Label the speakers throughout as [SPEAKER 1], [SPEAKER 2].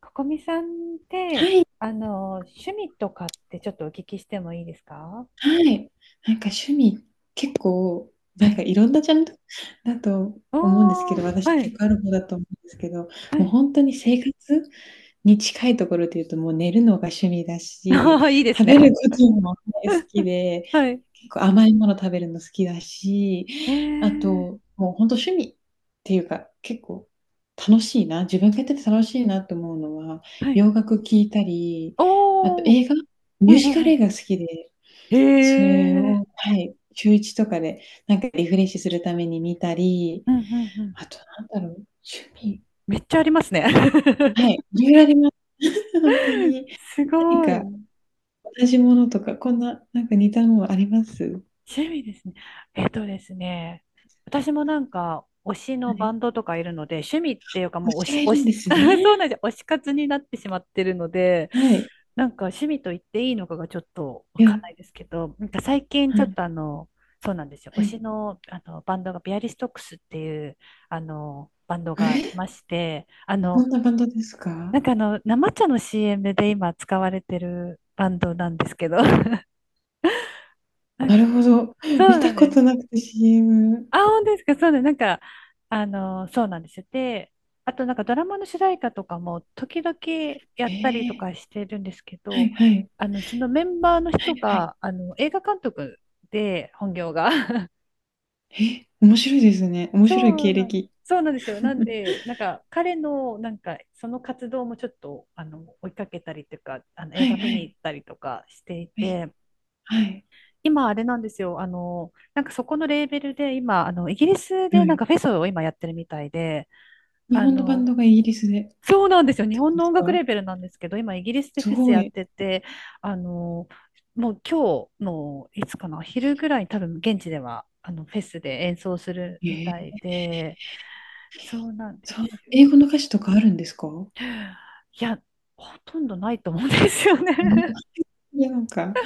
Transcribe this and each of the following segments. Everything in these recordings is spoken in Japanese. [SPEAKER 1] ここみさんっ
[SPEAKER 2] は
[SPEAKER 1] て、
[SPEAKER 2] い、
[SPEAKER 1] 趣味とかってちょっとお聞きしてもいいですか。
[SPEAKER 2] はい。なんか趣味、結構、
[SPEAKER 1] は
[SPEAKER 2] なんか
[SPEAKER 1] い。
[SPEAKER 2] いろんなジャンル だと思うんですけ
[SPEAKER 1] おー、
[SPEAKER 2] ど、私
[SPEAKER 1] はい、
[SPEAKER 2] 結構ある方だと思うんですけど、
[SPEAKER 1] は
[SPEAKER 2] もう
[SPEAKER 1] い。
[SPEAKER 2] 本当に生活に近いところで言うと、もう寝るのが趣味だし、
[SPEAKER 1] ああ、いいで
[SPEAKER 2] 食
[SPEAKER 1] す
[SPEAKER 2] べる
[SPEAKER 1] ね。
[SPEAKER 2] ことも大好きで、
[SPEAKER 1] はい。
[SPEAKER 2] 結構甘いもの食べるの好きだし、
[SPEAKER 1] へ
[SPEAKER 2] あ
[SPEAKER 1] え、
[SPEAKER 2] と、もう本当趣味っていうか、結構楽しいな、自分がやってて楽しいなと思うのは、
[SPEAKER 1] は
[SPEAKER 2] 洋
[SPEAKER 1] い。
[SPEAKER 2] 楽聴いたり、あと
[SPEAKER 1] おー、
[SPEAKER 2] 映画、ミ
[SPEAKER 1] う
[SPEAKER 2] ュ
[SPEAKER 1] ん
[SPEAKER 2] ー
[SPEAKER 1] う
[SPEAKER 2] ジ
[SPEAKER 1] ん
[SPEAKER 2] カ
[SPEAKER 1] う
[SPEAKER 2] ル
[SPEAKER 1] ん。
[SPEAKER 2] 映画好きで、
[SPEAKER 1] へ
[SPEAKER 2] それ
[SPEAKER 1] え、
[SPEAKER 2] を、はい、週1とかで、なんかリフレッシュするために見たり、
[SPEAKER 1] うんうんうん。
[SPEAKER 2] あとなんだろう、趣味
[SPEAKER 1] めっちゃありますね。
[SPEAKER 2] はい、色々あります。ほんとに。
[SPEAKER 1] すご
[SPEAKER 2] 何か
[SPEAKER 1] い。
[SPEAKER 2] 同じものとか、こんな、なんか似たものあります？
[SPEAKER 1] 趣味ですね。えっとですね、私も推し
[SPEAKER 2] は
[SPEAKER 1] のバ
[SPEAKER 2] い。
[SPEAKER 1] ンドとかいるので、趣味っていうか
[SPEAKER 2] 推
[SPEAKER 1] もう推
[SPEAKER 2] しが
[SPEAKER 1] し、
[SPEAKER 2] い
[SPEAKER 1] 推
[SPEAKER 2] るん
[SPEAKER 1] し、
[SPEAKER 2] です ね。
[SPEAKER 1] そうなんですよ。推し活になってしまってるので、
[SPEAKER 2] はい。
[SPEAKER 1] なんか趣味と言っていいのかがちょっとわ
[SPEAKER 2] い
[SPEAKER 1] かん
[SPEAKER 2] や、
[SPEAKER 1] ないですけど、なんか最近
[SPEAKER 2] は
[SPEAKER 1] ちょっ
[SPEAKER 2] い、
[SPEAKER 1] とあの、そうなんですよ。推
[SPEAKER 2] は
[SPEAKER 1] し
[SPEAKER 2] い。
[SPEAKER 1] の、あのバンドがビアリストックスっていうあのバンドがい
[SPEAKER 2] え、
[SPEAKER 1] まして、
[SPEAKER 2] どんなバンドですか？
[SPEAKER 1] 生茶の CM で今使われてるバンドなんですけど、
[SPEAKER 2] なるほど。
[SPEAKER 1] そ
[SPEAKER 2] 見
[SPEAKER 1] うな
[SPEAKER 2] た
[SPEAKER 1] ん
[SPEAKER 2] こ
[SPEAKER 1] で
[SPEAKER 2] と
[SPEAKER 1] す。
[SPEAKER 2] なくて CM。
[SPEAKER 1] あ、本当ですか。そうね。そうなんですよ。で、あとなんかドラマの主題歌とかも時々や
[SPEAKER 2] へ
[SPEAKER 1] ったりと
[SPEAKER 2] え、
[SPEAKER 1] かしてるんですけ
[SPEAKER 2] は
[SPEAKER 1] ど、
[SPEAKER 2] いはい。
[SPEAKER 1] そのメンバーの
[SPEAKER 2] は
[SPEAKER 1] 人
[SPEAKER 2] いはい。
[SPEAKER 1] が、映画監督で、本業が。
[SPEAKER 2] え、面白いですね。面白い経歴。
[SPEAKER 1] そうなんですよ。なん で、彼の、その活動もちょっと、追いかけたりとか、
[SPEAKER 2] は
[SPEAKER 1] 映画
[SPEAKER 2] い
[SPEAKER 1] 見
[SPEAKER 2] は
[SPEAKER 1] に
[SPEAKER 2] い。
[SPEAKER 1] 行ったりとかしてい
[SPEAKER 2] はい。
[SPEAKER 1] て、
[SPEAKER 2] はい。
[SPEAKER 1] 今あれなんですよ。そこのレーベルで今、イギリスで
[SPEAKER 2] は
[SPEAKER 1] なん
[SPEAKER 2] い。
[SPEAKER 1] かフェスを今やってるみたいで、
[SPEAKER 2] 日
[SPEAKER 1] あ
[SPEAKER 2] 本のバン
[SPEAKER 1] の、
[SPEAKER 2] ドがイギリスでっ
[SPEAKER 1] そうなんですよ。日
[SPEAKER 2] てこと
[SPEAKER 1] 本
[SPEAKER 2] で
[SPEAKER 1] の
[SPEAKER 2] す
[SPEAKER 1] 音楽
[SPEAKER 2] か？
[SPEAKER 1] レーベルなんですけど、今イギリスで
[SPEAKER 2] す
[SPEAKER 1] フェス
[SPEAKER 2] ご
[SPEAKER 1] やっ
[SPEAKER 2] い。
[SPEAKER 1] てて、あの、もう今日のいつかな、昼ぐらいに多分現地ではあのフェスで演奏するみ
[SPEAKER 2] ええ、
[SPEAKER 1] たいで、そうなんで
[SPEAKER 2] そう、
[SPEAKER 1] すよ。
[SPEAKER 2] 英語の歌詞とかあるんですか？
[SPEAKER 1] いや、ほとんどないと思うんですよね。
[SPEAKER 2] ええ、いや、なんかは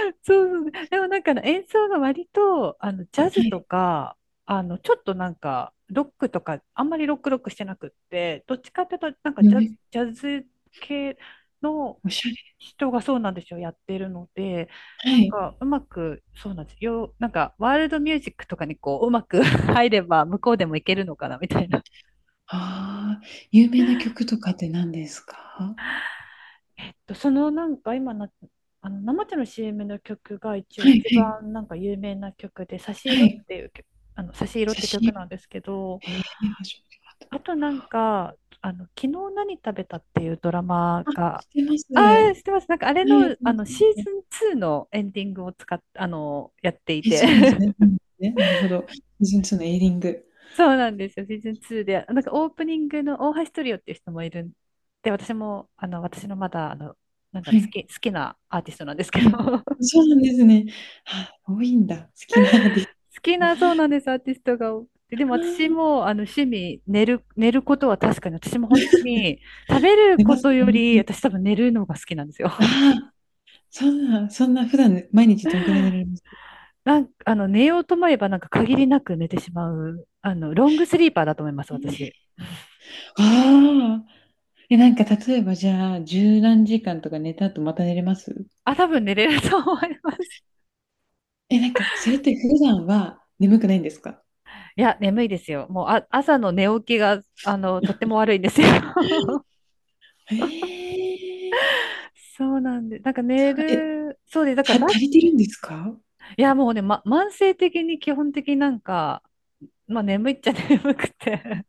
[SPEAKER 1] そうそう。でもなんかあの演奏が割と、ジャズと
[SPEAKER 2] い、
[SPEAKER 1] か、あの、ちょっとなんか、ロックとか、あんまりロックロックしてなくって、どっちかっていうと、
[SPEAKER 2] よ
[SPEAKER 1] ジャズ、
[SPEAKER 2] り
[SPEAKER 1] 系の
[SPEAKER 2] おしゃ
[SPEAKER 1] 人がそうなんですよ、やってるので、
[SPEAKER 2] れは
[SPEAKER 1] なん
[SPEAKER 2] い。
[SPEAKER 1] か、うまく、そうなんですよ。なんか、ワールドミュージックとかにこう、うまく 入れば、向こうでもいけるのかな、みたいな。
[SPEAKER 2] ああ、有名な曲とかって何ですか？
[SPEAKER 1] えっと、そのなんか今の、あの生茶の CM の曲が一応
[SPEAKER 2] はい
[SPEAKER 1] 一
[SPEAKER 2] はい
[SPEAKER 1] 番なんか有名な曲で「差し
[SPEAKER 2] は
[SPEAKER 1] 色」っ
[SPEAKER 2] い。
[SPEAKER 1] ていう曲、差し色っ
[SPEAKER 2] 差
[SPEAKER 1] て
[SPEAKER 2] し入
[SPEAKER 1] 曲
[SPEAKER 2] れ、
[SPEAKER 1] なんですけど、
[SPEAKER 2] へえ、初めて聞い
[SPEAKER 1] あ
[SPEAKER 2] た。
[SPEAKER 1] となんかあの「昨日何食べた」っていうドラマ
[SPEAKER 2] あ、
[SPEAKER 1] が、
[SPEAKER 2] 知ってます。
[SPEAKER 1] あ
[SPEAKER 2] は
[SPEAKER 1] あ知ってます、なんかあれ
[SPEAKER 2] い、
[SPEAKER 1] の、あのシー ズン2のエンディングを使っあのやってい
[SPEAKER 2] え、そうなんです
[SPEAKER 1] て。
[SPEAKER 2] ね。うん、ね、なるほど。シーズンツーのエイリング。
[SPEAKER 1] そうなんですよ、シーズン2でなんかオープニングの大橋トリオっていう人もいるんで、私もあの私のまだあのなんだ
[SPEAKER 2] は
[SPEAKER 1] ろう好
[SPEAKER 2] い。
[SPEAKER 1] き、好きなアーティストなんですけ
[SPEAKER 2] は
[SPEAKER 1] ど、
[SPEAKER 2] い。そうなんですね。あ、多いんだ、好きなアーティス
[SPEAKER 1] 好き
[SPEAKER 2] トが。
[SPEAKER 1] な、そう
[SPEAKER 2] あ
[SPEAKER 1] なんです、アーティストが多くて。でも私
[SPEAKER 2] あ。
[SPEAKER 1] も、趣味、寝ることは確かに、私も本当に、食べる
[SPEAKER 2] 寝
[SPEAKER 1] こ
[SPEAKER 2] ます？
[SPEAKER 1] とより、私多分寝るのが好きなんですよ。
[SPEAKER 2] あ あ、そんな普段毎日どんくらい寝られます？
[SPEAKER 1] 寝ようと思えば、なんか限りなく寝てしまう、ロングスリーパーだと思います、
[SPEAKER 2] え
[SPEAKER 1] 私。
[SPEAKER 2] え、ああ。え、なんか例えばじゃあ、十何時間とか寝た後また寝れます？
[SPEAKER 1] あ、多分寝れると思います。
[SPEAKER 2] え、なんかそれって普段は眠くないんですか？
[SPEAKER 1] いや、眠いですよ。もう、あ、朝の寝起きが、とっても 悪いんですよ。
[SPEAKER 2] へえ。
[SPEAKER 1] そうなんで、なんか寝
[SPEAKER 2] あ、え、
[SPEAKER 1] る、そうです。だからバ
[SPEAKER 2] 足
[SPEAKER 1] ス、
[SPEAKER 2] りてるんですか？
[SPEAKER 1] いや、もうね、慢性的に基本的になんか、まあ眠いっちゃ 眠くて。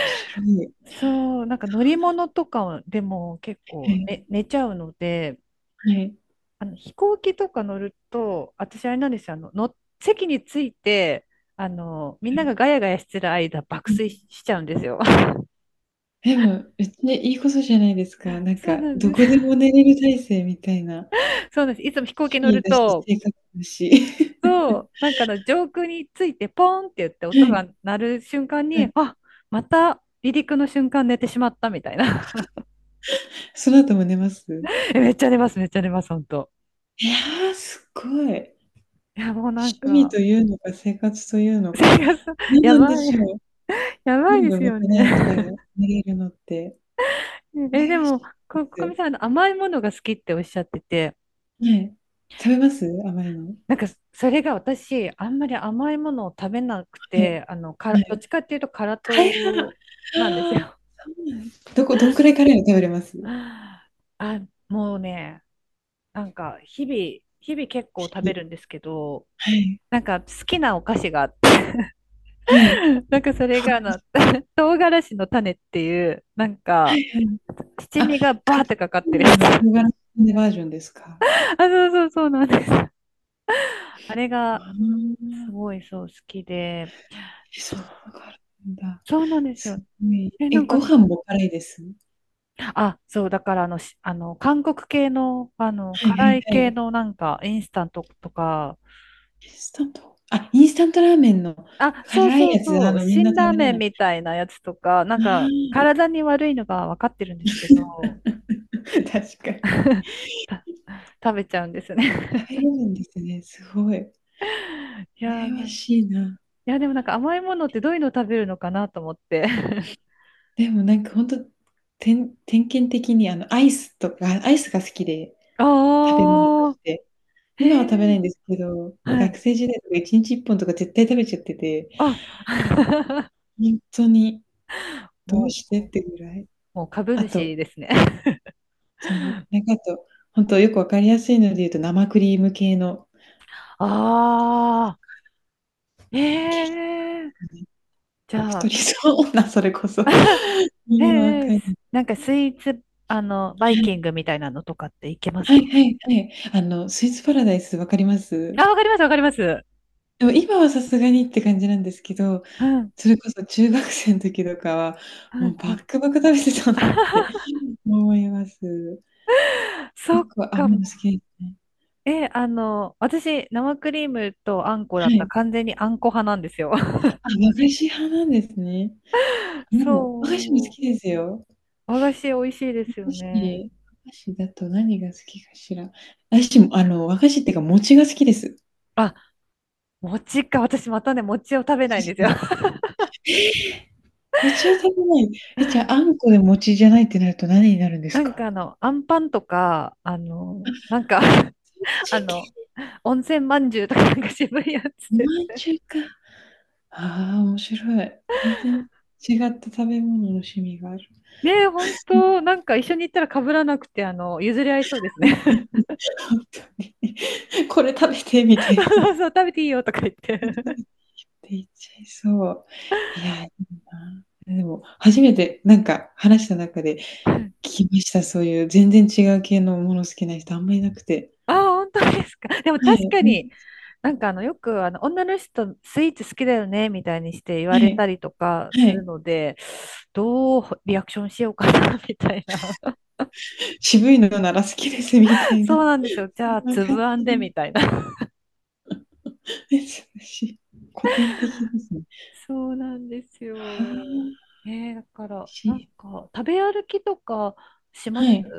[SPEAKER 2] 面白い。
[SPEAKER 1] そう、なんか乗り物とかでも結
[SPEAKER 2] は
[SPEAKER 1] 構、
[SPEAKER 2] い、
[SPEAKER 1] ね、寝ちゃうので、
[SPEAKER 2] はい、
[SPEAKER 1] あの飛行機とか乗ると、私あれなんですよ、席について、みん
[SPEAKER 2] は
[SPEAKER 1] な
[SPEAKER 2] い。
[SPEAKER 1] がガヤガヤしてる間、爆
[SPEAKER 2] うん。
[SPEAKER 1] 睡しちゃうんですよ。
[SPEAKER 2] でも、別にいいことじゃないですか。なん
[SPEAKER 1] そうな
[SPEAKER 2] か、
[SPEAKER 1] ん
[SPEAKER 2] ど
[SPEAKER 1] です。
[SPEAKER 2] こでも寝 れる体制みたいな、
[SPEAKER 1] そうなんです。いつも飛行
[SPEAKER 2] 趣
[SPEAKER 1] 機乗
[SPEAKER 2] 味
[SPEAKER 1] る
[SPEAKER 2] だし、
[SPEAKER 1] と、
[SPEAKER 2] 生活だし。
[SPEAKER 1] そ う、なんかあの上空についてポーンって言って
[SPEAKER 2] はい、
[SPEAKER 1] 音
[SPEAKER 2] はい。
[SPEAKER 1] が鳴る瞬間に、あ、また離陸の瞬間寝てしまったみたいな。
[SPEAKER 2] その後も寝ます？
[SPEAKER 1] え、めっちゃ寝ます、めっちゃ寝ます、本当。
[SPEAKER 2] いやー、すごい。
[SPEAKER 1] いや、もうなん
[SPEAKER 2] 趣味
[SPEAKER 1] か、
[SPEAKER 2] というのか、生活というの
[SPEAKER 1] 生
[SPEAKER 2] か、
[SPEAKER 1] 活、
[SPEAKER 2] 何
[SPEAKER 1] や
[SPEAKER 2] なん
[SPEAKER 1] ば
[SPEAKER 2] で
[SPEAKER 1] い、
[SPEAKER 2] しょう。
[SPEAKER 1] やばい
[SPEAKER 2] 全
[SPEAKER 1] で
[SPEAKER 2] 部
[SPEAKER 1] す
[SPEAKER 2] ま
[SPEAKER 1] よ
[SPEAKER 2] かなえちゃ
[SPEAKER 1] ね。
[SPEAKER 2] う、寝れるのって、
[SPEAKER 1] え、
[SPEAKER 2] 羨
[SPEAKER 1] で
[SPEAKER 2] まし
[SPEAKER 1] も、
[SPEAKER 2] い
[SPEAKER 1] こみ
[SPEAKER 2] で
[SPEAKER 1] さん、あの甘いものが好きっておっしゃってて、
[SPEAKER 2] す。はい。食べます？甘いの。
[SPEAKER 1] なんか、それが私、あんまり甘いものを食べなく
[SPEAKER 2] はい、
[SPEAKER 1] て、
[SPEAKER 2] は
[SPEAKER 1] どっ
[SPEAKER 2] い。
[SPEAKER 1] ちかっていうと、辛
[SPEAKER 2] 大半。あ
[SPEAKER 1] 党なんです
[SPEAKER 2] あ、
[SPEAKER 1] よ。
[SPEAKER 2] そうなんどこどんくらいカレーを食べれます？
[SPEAKER 1] あ、もうね、なんか、日々結構食
[SPEAKER 2] 日
[SPEAKER 1] べ
[SPEAKER 2] 々。
[SPEAKER 1] るんですけど、
[SPEAKER 2] はい。
[SPEAKER 1] なんか好きなお菓子があって、
[SPEAKER 2] はい。
[SPEAKER 1] なんかそれ
[SPEAKER 2] ほん
[SPEAKER 1] が
[SPEAKER 2] と
[SPEAKER 1] あ
[SPEAKER 2] に
[SPEAKER 1] の、唐辛子の種っていう、なん
[SPEAKER 2] は
[SPEAKER 1] か、
[SPEAKER 2] いはい。
[SPEAKER 1] 七
[SPEAKER 2] あ、か
[SPEAKER 1] 味がバーって
[SPEAKER 2] き
[SPEAKER 1] かかっ
[SPEAKER 2] カ
[SPEAKER 1] てる
[SPEAKER 2] レー
[SPEAKER 1] やつ。
[SPEAKER 2] の
[SPEAKER 1] あ、
[SPEAKER 2] 唐辛子バージョンですか？
[SPEAKER 1] そうそうそうなんです。あれが、
[SPEAKER 2] あ
[SPEAKER 1] す
[SPEAKER 2] あ。
[SPEAKER 1] ごいそう好きで、
[SPEAKER 2] え、そん
[SPEAKER 1] そう、
[SPEAKER 2] なのがあるんだ。
[SPEAKER 1] そうなんです
[SPEAKER 2] す
[SPEAKER 1] よ。
[SPEAKER 2] ごい。
[SPEAKER 1] え、な
[SPEAKER 2] え、
[SPEAKER 1] んか、
[SPEAKER 2] ご飯も辛いです？
[SPEAKER 1] あ、そう、だからあの、しあの、韓国系の、
[SPEAKER 2] はいは
[SPEAKER 1] 辛
[SPEAKER 2] い
[SPEAKER 1] い
[SPEAKER 2] は
[SPEAKER 1] 系
[SPEAKER 2] い。
[SPEAKER 1] のなんか、インスタントとか、
[SPEAKER 2] インスタントあ、インスタントラーメンの
[SPEAKER 1] あ、そう
[SPEAKER 2] 辛い
[SPEAKER 1] そう
[SPEAKER 2] やつ、
[SPEAKER 1] そう。
[SPEAKER 2] みんな
[SPEAKER 1] 辛
[SPEAKER 2] 食
[SPEAKER 1] ラー
[SPEAKER 2] べれ
[SPEAKER 1] メ
[SPEAKER 2] な
[SPEAKER 1] ン
[SPEAKER 2] い。
[SPEAKER 1] みたいなやつとか、なんか
[SPEAKER 2] あ
[SPEAKER 1] 体に悪いのが分かってるんですけど、
[SPEAKER 2] あ、確かに。
[SPEAKER 1] 食べちゃうんですよね。
[SPEAKER 2] 食べれるんですね、すごい。
[SPEAKER 1] いや
[SPEAKER 2] 羨
[SPEAKER 1] ー
[SPEAKER 2] ま
[SPEAKER 1] な、い
[SPEAKER 2] しいな。
[SPEAKER 1] や、でもなんか甘いものってどういうの食べるのかなと思って。
[SPEAKER 2] でもなんかほんと、点検的にあの、アイスとかアイスが好きで、食べ物と
[SPEAKER 1] あ
[SPEAKER 2] し
[SPEAKER 1] あ、
[SPEAKER 2] て。
[SPEAKER 1] へ
[SPEAKER 2] 今は食べない
[SPEAKER 1] え、
[SPEAKER 2] んですけど、
[SPEAKER 1] は
[SPEAKER 2] 学
[SPEAKER 1] い。
[SPEAKER 2] 生時代とか1日1本とか絶対食べちゃってて、
[SPEAKER 1] あ、
[SPEAKER 2] ほんとにどう
[SPEAKER 1] も
[SPEAKER 2] して
[SPEAKER 1] う、
[SPEAKER 2] ってぐらい。
[SPEAKER 1] もう株
[SPEAKER 2] あと
[SPEAKER 1] 主ですね。
[SPEAKER 2] ちなみに、なんかあと、本当よくわかりやすいので言うと、生クリーム系の
[SPEAKER 1] ああ、
[SPEAKER 2] ケーキ
[SPEAKER 1] へ
[SPEAKER 2] か
[SPEAKER 1] え、じ
[SPEAKER 2] な。
[SPEAKER 1] ゃ
[SPEAKER 2] 太
[SPEAKER 1] あ、
[SPEAKER 2] りそうな、それこそ。
[SPEAKER 1] へ
[SPEAKER 2] もうわ
[SPEAKER 1] え、
[SPEAKER 2] かる。
[SPEAKER 1] なんかスイーツ、
[SPEAKER 2] は
[SPEAKER 1] バイ
[SPEAKER 2] い。
[SPEAKER 1] キングみたいなのとかっていけます
[SPEAKER 2] は
[SPEAKER 1] か。
[SPEAKER 2] いはいはい。あの、スイーツパラダイスわかりま
[SPEAKER 1] あ、
[SPEAKER 2] す？
[SPEAKER 1] わかります、わかります。
[SPEAKER 2] でも今はさすがにって感じなんですけど、
[SPEAKER 1] うん、
[SPEAKER 2] それこそ中学生の時とかは、
[SPEAKER 1] う
[SPEAKER 2] もう
[SPEAKER 1] ん、う
[SPEAKER 2] バッ
[SPEAKER 1] ん。
[SPEAKER 2] クバク食べてたなって思います。
[SPEAKER 1] そっ
[SPEAKER 2] 結構
[SPEAKER 1] か。
[SPEAKER 2] 甘いの好きですね。
[SPEAKER 1] え、私、生クリームとあんこだ
[SPEAKER 2] は
[SPEAKER 1] った。
[SPEAKER 2] い。
[SPEAKER 1] 完全にあんこ派なんですよ。
[SPEAKER 2] あ、和菓子派なんですね。もう、和菓子も好
[SPEAKER 1] そ
[SPEAKER 2] きですよ。
[SPEAKER 1] う。和菓子美味しいです
[SPEAKER 2] 菓
[SPEAKER 1] よ
[SPEAKER 2] 子、
[SPEAKER 1] ね。
[SPEAKER 2] 和菓子だと何が好きかしら。私も、あの、和菓子っていうか、餅が好きです。
[SPEAKER 1] あ、餅か。私またね、餅を食べないんですよ。
[SPEAKER 2] 餅は食べない。え、じゃあ、あんこで餅じゃないってなると何になるんです
[SPEAKER 1] なんか
[SPEAKER 2] か？
[SPEAKER 1] あの、あんパンとか、
[SPEAKER 2] そっ
[SPEAKER 1] あ
[SPEAKER 2] ち系、
[SPEAKER 1] の、温泉まんじゅうとかなんか渋いやつ
[SPEAKER 2] お
[SPEAKER 1] です
[SPEAKER 2] 饅
[SPEAKER 1] ね。
[SPEAKER 2] 頭か。ああ、面白い。全然違った食べ物の趣味がある。
[SPEAKER 1] ねえ、ほん と、なんか一緒に行ったら被らなくて、譲り合いそうですね。
[SPEAKER 2] 本 当に。これ食べてみた
[SPEAKER 1] そ
[SPEAKER 2] いな。
[SPEAKER 1] う
[SPEAKER 2] っ
[SPEAKER 1] そうそう、食べていいよとか言って。
[SPEAKER 2] て言っちゃいそう。いや、いいな。でも初めてなんか話した中で きました、そういう全然違う系のもの好きな人あんまいなくて。
[SPEAKER 1] ああ、本当ですか。でも
[SPEAKER 2] は
[SPEAKER 1] 確
[SPEAKER 2] い、
[SPEAKER 1] か
[SPEAKER 2] う
[SPEAKER 1] に、
[SPEAKER 2] ん、
[SPEAKER 1] よくあの、女の人スイーツ好きだよね、みたいにして言
[SPEAKER 2] は
[SPEAKER 1] われた
[SPEAKER 2] い、
[SPEAKER 1] りとか
[SPEAKER 2] は
[SPEAKER 1] する
[SPEAKER 2] い。
[SPEAKER 1] ので、どうリアクションしようかな、みたいな。
[SPEAKER 2] 渋いのなら好きですみたいな、
[SPEAKER 1] そ
[SPEAKER 2] そ
[SPEAKER 1] うなんですよ。じ
[SPEAKER 2] ん
[SPEAKER 1] ゃあ、
[SPEAKER 2] な
[SPEAKER 1] つ
[SPEAKER 2] 感
[SPEAKER 1] ぶあんで、
[SPEAKER 2] じの、
[SPEAKER 1] みたいな。
[SPEAKER 2] え、古典的ですね。
[SPEAKER 1] そうなんです
[SPEAKER 2] は
[SPEAKER 1] よ。
[SPEAKER 2] あ、
[SPEAKER 1] ねえー、だから、なん
[SPEAKER 2] し
[SPEAKER 1] か、食べ歩きとかしま
[SPEAKER 2] は
[SPEAKER 1] す
[SPEAKER 2] い。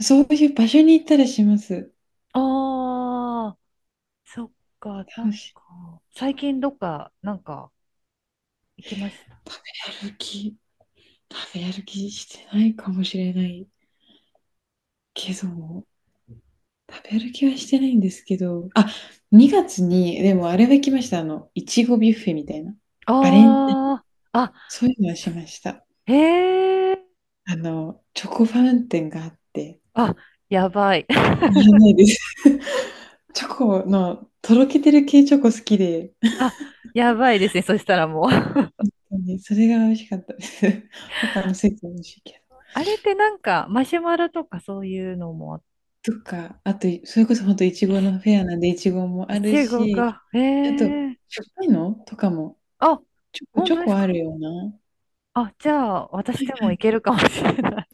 [SPEAKER 2] そういう場所に行ったりします。
[SPEAKER 1] ああー、そっか、な
[SPEAKER 2] 楽
[SPEAKER 1] ん
[SPEAKER 2] し
[SPEAKER 1] か、
[SPEAKER 2] ち
[SPEAKER 1] 最
[SPEAKER 2] ょ
[SPEAKER 1] 近どっか、なんか、行きました。
[SPEAKER 2] 食べ歩き食べ歩きしてないかもしれないけども、食べ歩きはしてないんですけど、あ、2月にでもあれは行きました、あの、いちごビュッフェみたいな。バレンタ
[SPEAKER 1] ああ、あ、
[SPEAKER 2] そういうのはしました。
[SPEAKER 1] へえ。
[SPEAKER 2] あの、チョコファウンテンがあって、
[SPEAKER 1] あ、やばい。
[SPEAKER 2] いらないです。チョコのとろけてる系チョコ好きで、
[SPEAKER 1] あ、やばいですね。そしたらもう。
[SPEAKER 2] ほんとにそれが美味しかったです。他のスイーツも美味しいけ
[SPEAKER 1] あれってなんか、マシュマロとかそういうのもあ、
[SPEAKER 2] ど。とか、あと、それこそほんといちごのフェアなんでいちごもあ
[SPEAKER 1] い
[SPEAKER 2] る
[SPEAKER 1] ちご
[SPEAKER 2] し、
[SPEAKER 1] が。へ
[SPEAKER 2] あと、
[SPEAKER 1] え。
[SPEAKER 2] しょっぱいのとかも、
[SPEAKER 1] あ、
[SPEAKER 2] ちょこ
[SPEAKER 1] 本
[SPEAKER 2] ちょ
[SPEAKER 1] 当です
[SPEAKER 2] こあ
[SPEAKER 1] か。
[SPEAKER 2] るような。は
[SPEAKER 1] あ、じゃあ、私
[SPEAKER 2] い
[SPEAKER 1] でも
[SPEAKER 2] は
[SPEAKER 1] い
[SPEAKER 2] い。
[SPEAKER 1] けるかもしれない。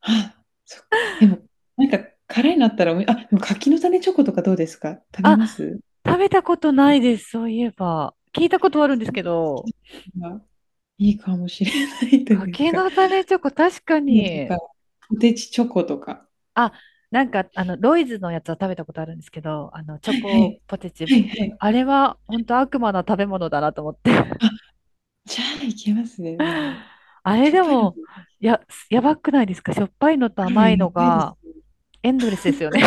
[SPEAKER 2] あ、そっか。でも、なんか辛いのあったら、おみあ、でも柿の種チョコとかどうですか？食べま
[SPEAKER 1] あ、
[SPEAKER 2] す？
[SPEAKER 1] 食べたことないです。そういえば。聞いたことはあるんで
[SPEAKER 2] そ
[SPEAKER 1] す
[SPEAKER 2] れ
[SPEAKER 1] け
[SPEAKER 2] 好き
[SPEAKER 1] ど、
[SPEAKER 2] です。今いいかもしれないという
[SPEAKER 1] 柿
[SPEAKER 2] か、
[SPEAKER 1] の種チョコ、確か
[SPEAKER 2] ムと
[SPEAKER 1] に。
[SPEAKER 2] か、ポテチチョコとか。
[SPEAKER 1] あ、なんか、ロイズのやつは食べたことあるんですけど、チ
[SPEAKER 2] は
[SPEAKER 1] ョ
[SPEAKER 2] いは
[SPEAKER 1] コ
[SPEAKER 2] い。
[SPEAKER 1] ポテチ。
[SPEAKER 2] はいはい。
[SPEAKER 1] あれは、本当悪魔な食べ物だなと思って。
[SPEAKER 2] あ、じゃあいけますね、でも。
[SPEAKER 1] あれ
[SPEAKER 2] しょっ
[SPEAKER 1] で
[SPEAKER 2] ぱいの、
[SPEAKER 1] も、や、やばくないですか、しょっぱいのと
[SPEAKER 2] カロ
[SPEAKER 1] 甘い
[SPEAKER 2] リーや
[SPEAKER 1] の
[SPEAKER 2] ばいです
[SPEAKER 1] が
[SPEAKER 2] よ。
[SPEAKER 1] エンドレスですよね。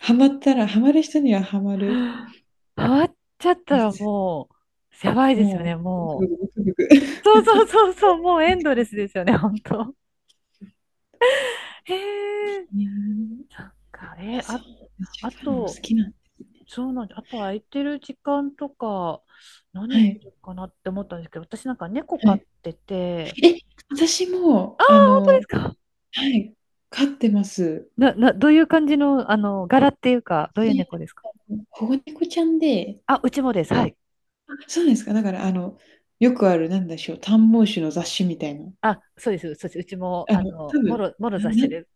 [SPEAKER 2] ハマったらハマる人にはハマ る
[SPEAKER 1] 変わっちゃった
[SPEAKER 2] や
[SPEAKER 1] ら
[SPEAKER 2] つ。
[SPEAKER 1] もう、やばいですよ
[SPEAKER 2] も
[SPEAKER 1] ね、
[SPEAKER 2] う、ブクブ
[SPEAKER 1] もう。
[SPEAKER 2] クブクブク。
[SPEAKER 1] そうそうそうそう、もうエンドレスですよね、本当。へ
[SPEAKER 2] へ
[SPEAKER 1] え、
[SPEAKER 2] え。い
[SPEAKER 1] なんか、え
[SPEAKER 2] や、
[SPEAKER 1] ー、
[SPEAKER 2] そ
[SPEAKER 1] あ、
[SPEAKER 2] う、しょ
[SPEAKER 1] あ
[SPEAKER 2] っぱいのも
[SPEAKER 1] と、
[SPEAKER 2] 好きなんですね。
[SPEAKER 1] そうなんで、あと空いてる時間とか、
[SPEAKER 2] は
[SPEAKER 1] 何す
[SPEAKER 2] い、
[SPEAKER 1] るかなって思ったんですけど、私なんか猫
[SPEAKER 2] は
[SPEAKER 1] 飼っ
[SPEAKER 2] い。
[SPEAKER 1] てて、
[SPEAKER 2] え、私
[SPEAKER 1] あ
[SPEAKER 2] も、
[SPEAKER 1] あ、
[SPEAKER 2] あ
[SPEAKER 1] 本当です
[SPEAKER 2] の
[SPEAKER 1] か。
[SPEAKER 2] はい、飼ってます。
[SPEAKER 1] どういう感じの、柄っていうか、どういう
[SPEAKER 2] 私、
[SPEAKER 1] 猫ですか。
[SPEAKER 2] あの、保護猫ちゃんで、
[SPEAKER 1] あ、うちもです。はい。
[SPEAKER 2] そうですか。だから、あの、よくある、なんでしょう、短毛種の雑種みたいな。
[SPEAKER 1] あ、そうです、そうです。うちも、
[SPEAKER 2] あの、多分、
[SPEAKER 1] もろ
[SPEAKER 2] な
[SPEAKER 1] 雑
[SPEAKER 2] な
[SPEAKER 1] 種です。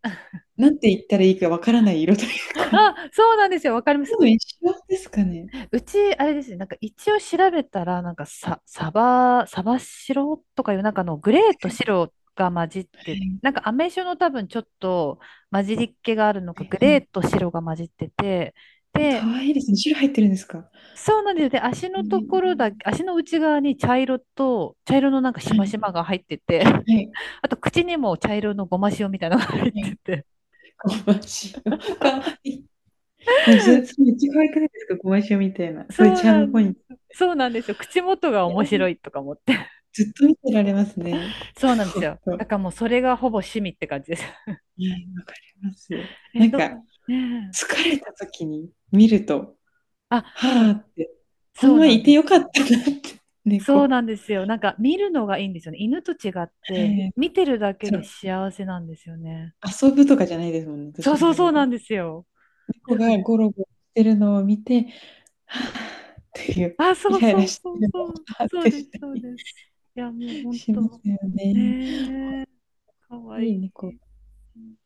[SPEAKER 2] なんて言ったらいいかわからない色というか、
[SPEAKER 1] あ、そうなんですよ。わかります。
[SPEAKER 2] 多分一緒ですかね。
[SPEAKER 1] うち、あれですね。なんか一応調べたら、サバ白とかいう、なんかあのグレーと白が混じっ
[SPEAKER 2] は
[SPEAKER 1] て、
[SPEAKER 2] い、
[SPEAKER 1] なんかアメ酒の多分ちょっと混じりっ気があるの
[SPEAKER 2] は
[SPEAKER 1] か、
[SPEAKER 2] いは
[SPEAKER 1] グレ
[SPEAKER 2] い。
[SPEAKER 1] ーと白が混じってて、
[SPEAKER 2] え、可
[SPEAKER 1] で、
[SPEAKER 2] 愛いですね。白入ってるんですか？
[SPEAKER 1] そうなんですよ。で、
[SPEAKER 2] ええ。
[SPEAKER 1] 足の内側に茶色のなんかし
[SPEAKER 2] はい
[SPEAKER 1] ましま
[SPEAKER 2] は
[SPEAKER 1] が入ってて、
[SPEAKER 2] い はい、
[SPEAKER 1] あと口にも茶色のごま塩みたいなのが
[SPEAKER 2] は
[SPEAKER 1] 入って
[SPEAKER 2] い。
[SPEAKER 1] て、
[SPEAKER 2] ゴマシオ、可愛い。え、それ、それめっちゃ可愛くないですか？ゴマシオみたいな、そういう
[SPEAKER 1] そう
[SPEAKER 2] チャー
[SPEAKER 1] な
[SPEAKER 2] ムポイン
[SPEAKER 1] ん
[SPEAKER 2] ト。
[SPEAKER 1] です。そうなんですよ。口元が
[SPEAKER 2] いや、
[SPEAKER 1] 面白いとか思って。
[SPEAKER 2] ずっと見てられますね。
[SPEAKER 1] そうなんで
[SPEAKER 2] ほ
[SPEAKER 1] す
[SPEAKER 2] ん
[SPEAKER 1] よ。
[SPEAKER 2] と。
[SPEAKER 1] だ
[SPEAKER 2] は
[SPEAKER 1] からもうそれがほぼ趣味って感じです。
[SPEAKER 2] い、わかります。
[SPEAKER 1] え
[SPEAKER 2] な
[SPEAKER 1] っ
[SPEAKER 2] ん
[SPEAKER 1] と、
[SPEAKER 2] か、
[SPEAKER 1] ねえ。
[SPEAKER 2] 疲れた時に見ると
[SPEAKER 1] あ、
[SPEAKER 2] は
[SPEAKER 1] そ
[SPEAKER 2] あ
[SPEAKER 1] う、
[SPEAKER 2] って、ほん
[SPEAKER 1] そう
[SPEAKER 2] ま
[SPEAKER 1] なん
[SPEAKER 2] いて
[SPEAKER 1] で
[SPEAKER 2] よ
[SPEAKER 1] す
[SPEAKER 2] かっ
[SPEAKER 1] よ。
[SPEAKER 2] たなって、
[SPEAKER 1] そう
[SPEAKER 2] 猫。
[SPEAKER 1] なんですよ。なんか見るのがいいんですよね。犬と違って、
[SPEAKER 2] ええ。
[SPEAKER 1] 見てるだけ
[SPEAKER 2] そ
[SPEAKER 1] で
[SPEAKER 2] の、
[SPEAKER 1] 幸せなんですよね。
[SPEAKER 2] 遊ぶとかじゃないですもんね、ど
[SPEAKER 1] そ
[SPEAKER 2] ち
[SPEAKER 1] う
[SPEAKER 2] ら
[SPEAKER 1] そう
[SPEAKER 2] かとい
[SPEAKER 1] そ
[SPEAKER 2] う
[SPEAKER 1] うな
[SPEAKER 2] と。
[SPEAKER 1] んですよ。
[SPEAKER 2] 猫
[SPEAKER 1] そ
[SPEAKER 2] が
[SPEAKER 1] うです。
[SPEAKER 2] ゴロゴロしてるのを見て、はあっていう、
[SPEAKER 1] あ、そ
[SPEAKER 2] イ
[SPEAKER 1] う
[SPEAKER 2] ライ
[SPEAKER 1] そ
[SPEAKER 2] ラ
[SPEAKER 1] う
[SPEAKER 2] し
[SPEAKER 1] そ
[SPEAKER 2] て
[SPEAKER 1] う
[SPEAKER 2] るのを
[SPEAKER 1] そう。
[SPEAKER 2] はあっ
[SPEAKER 1] そう
[SPEAKER 2] て
[SPEAKER 1] で
[SPEAKER 2] し
[SPEAKER 1] す、
[SPEAKER 2] た
[SPEAKER 1] そう
[SPEAKER 2] り
[SPEAKER 1] です。いや、もう本
[SPEAKER 2] します
[SPEAKER 1] 当、
[SPEAKER 2] よね。
[SPEAKER 1] ね、かわ
[SPEAKER 2] いい
[SPEAKER 1] い
[SPEAKER 2] 猫。
[SPEAKER 1] い。うん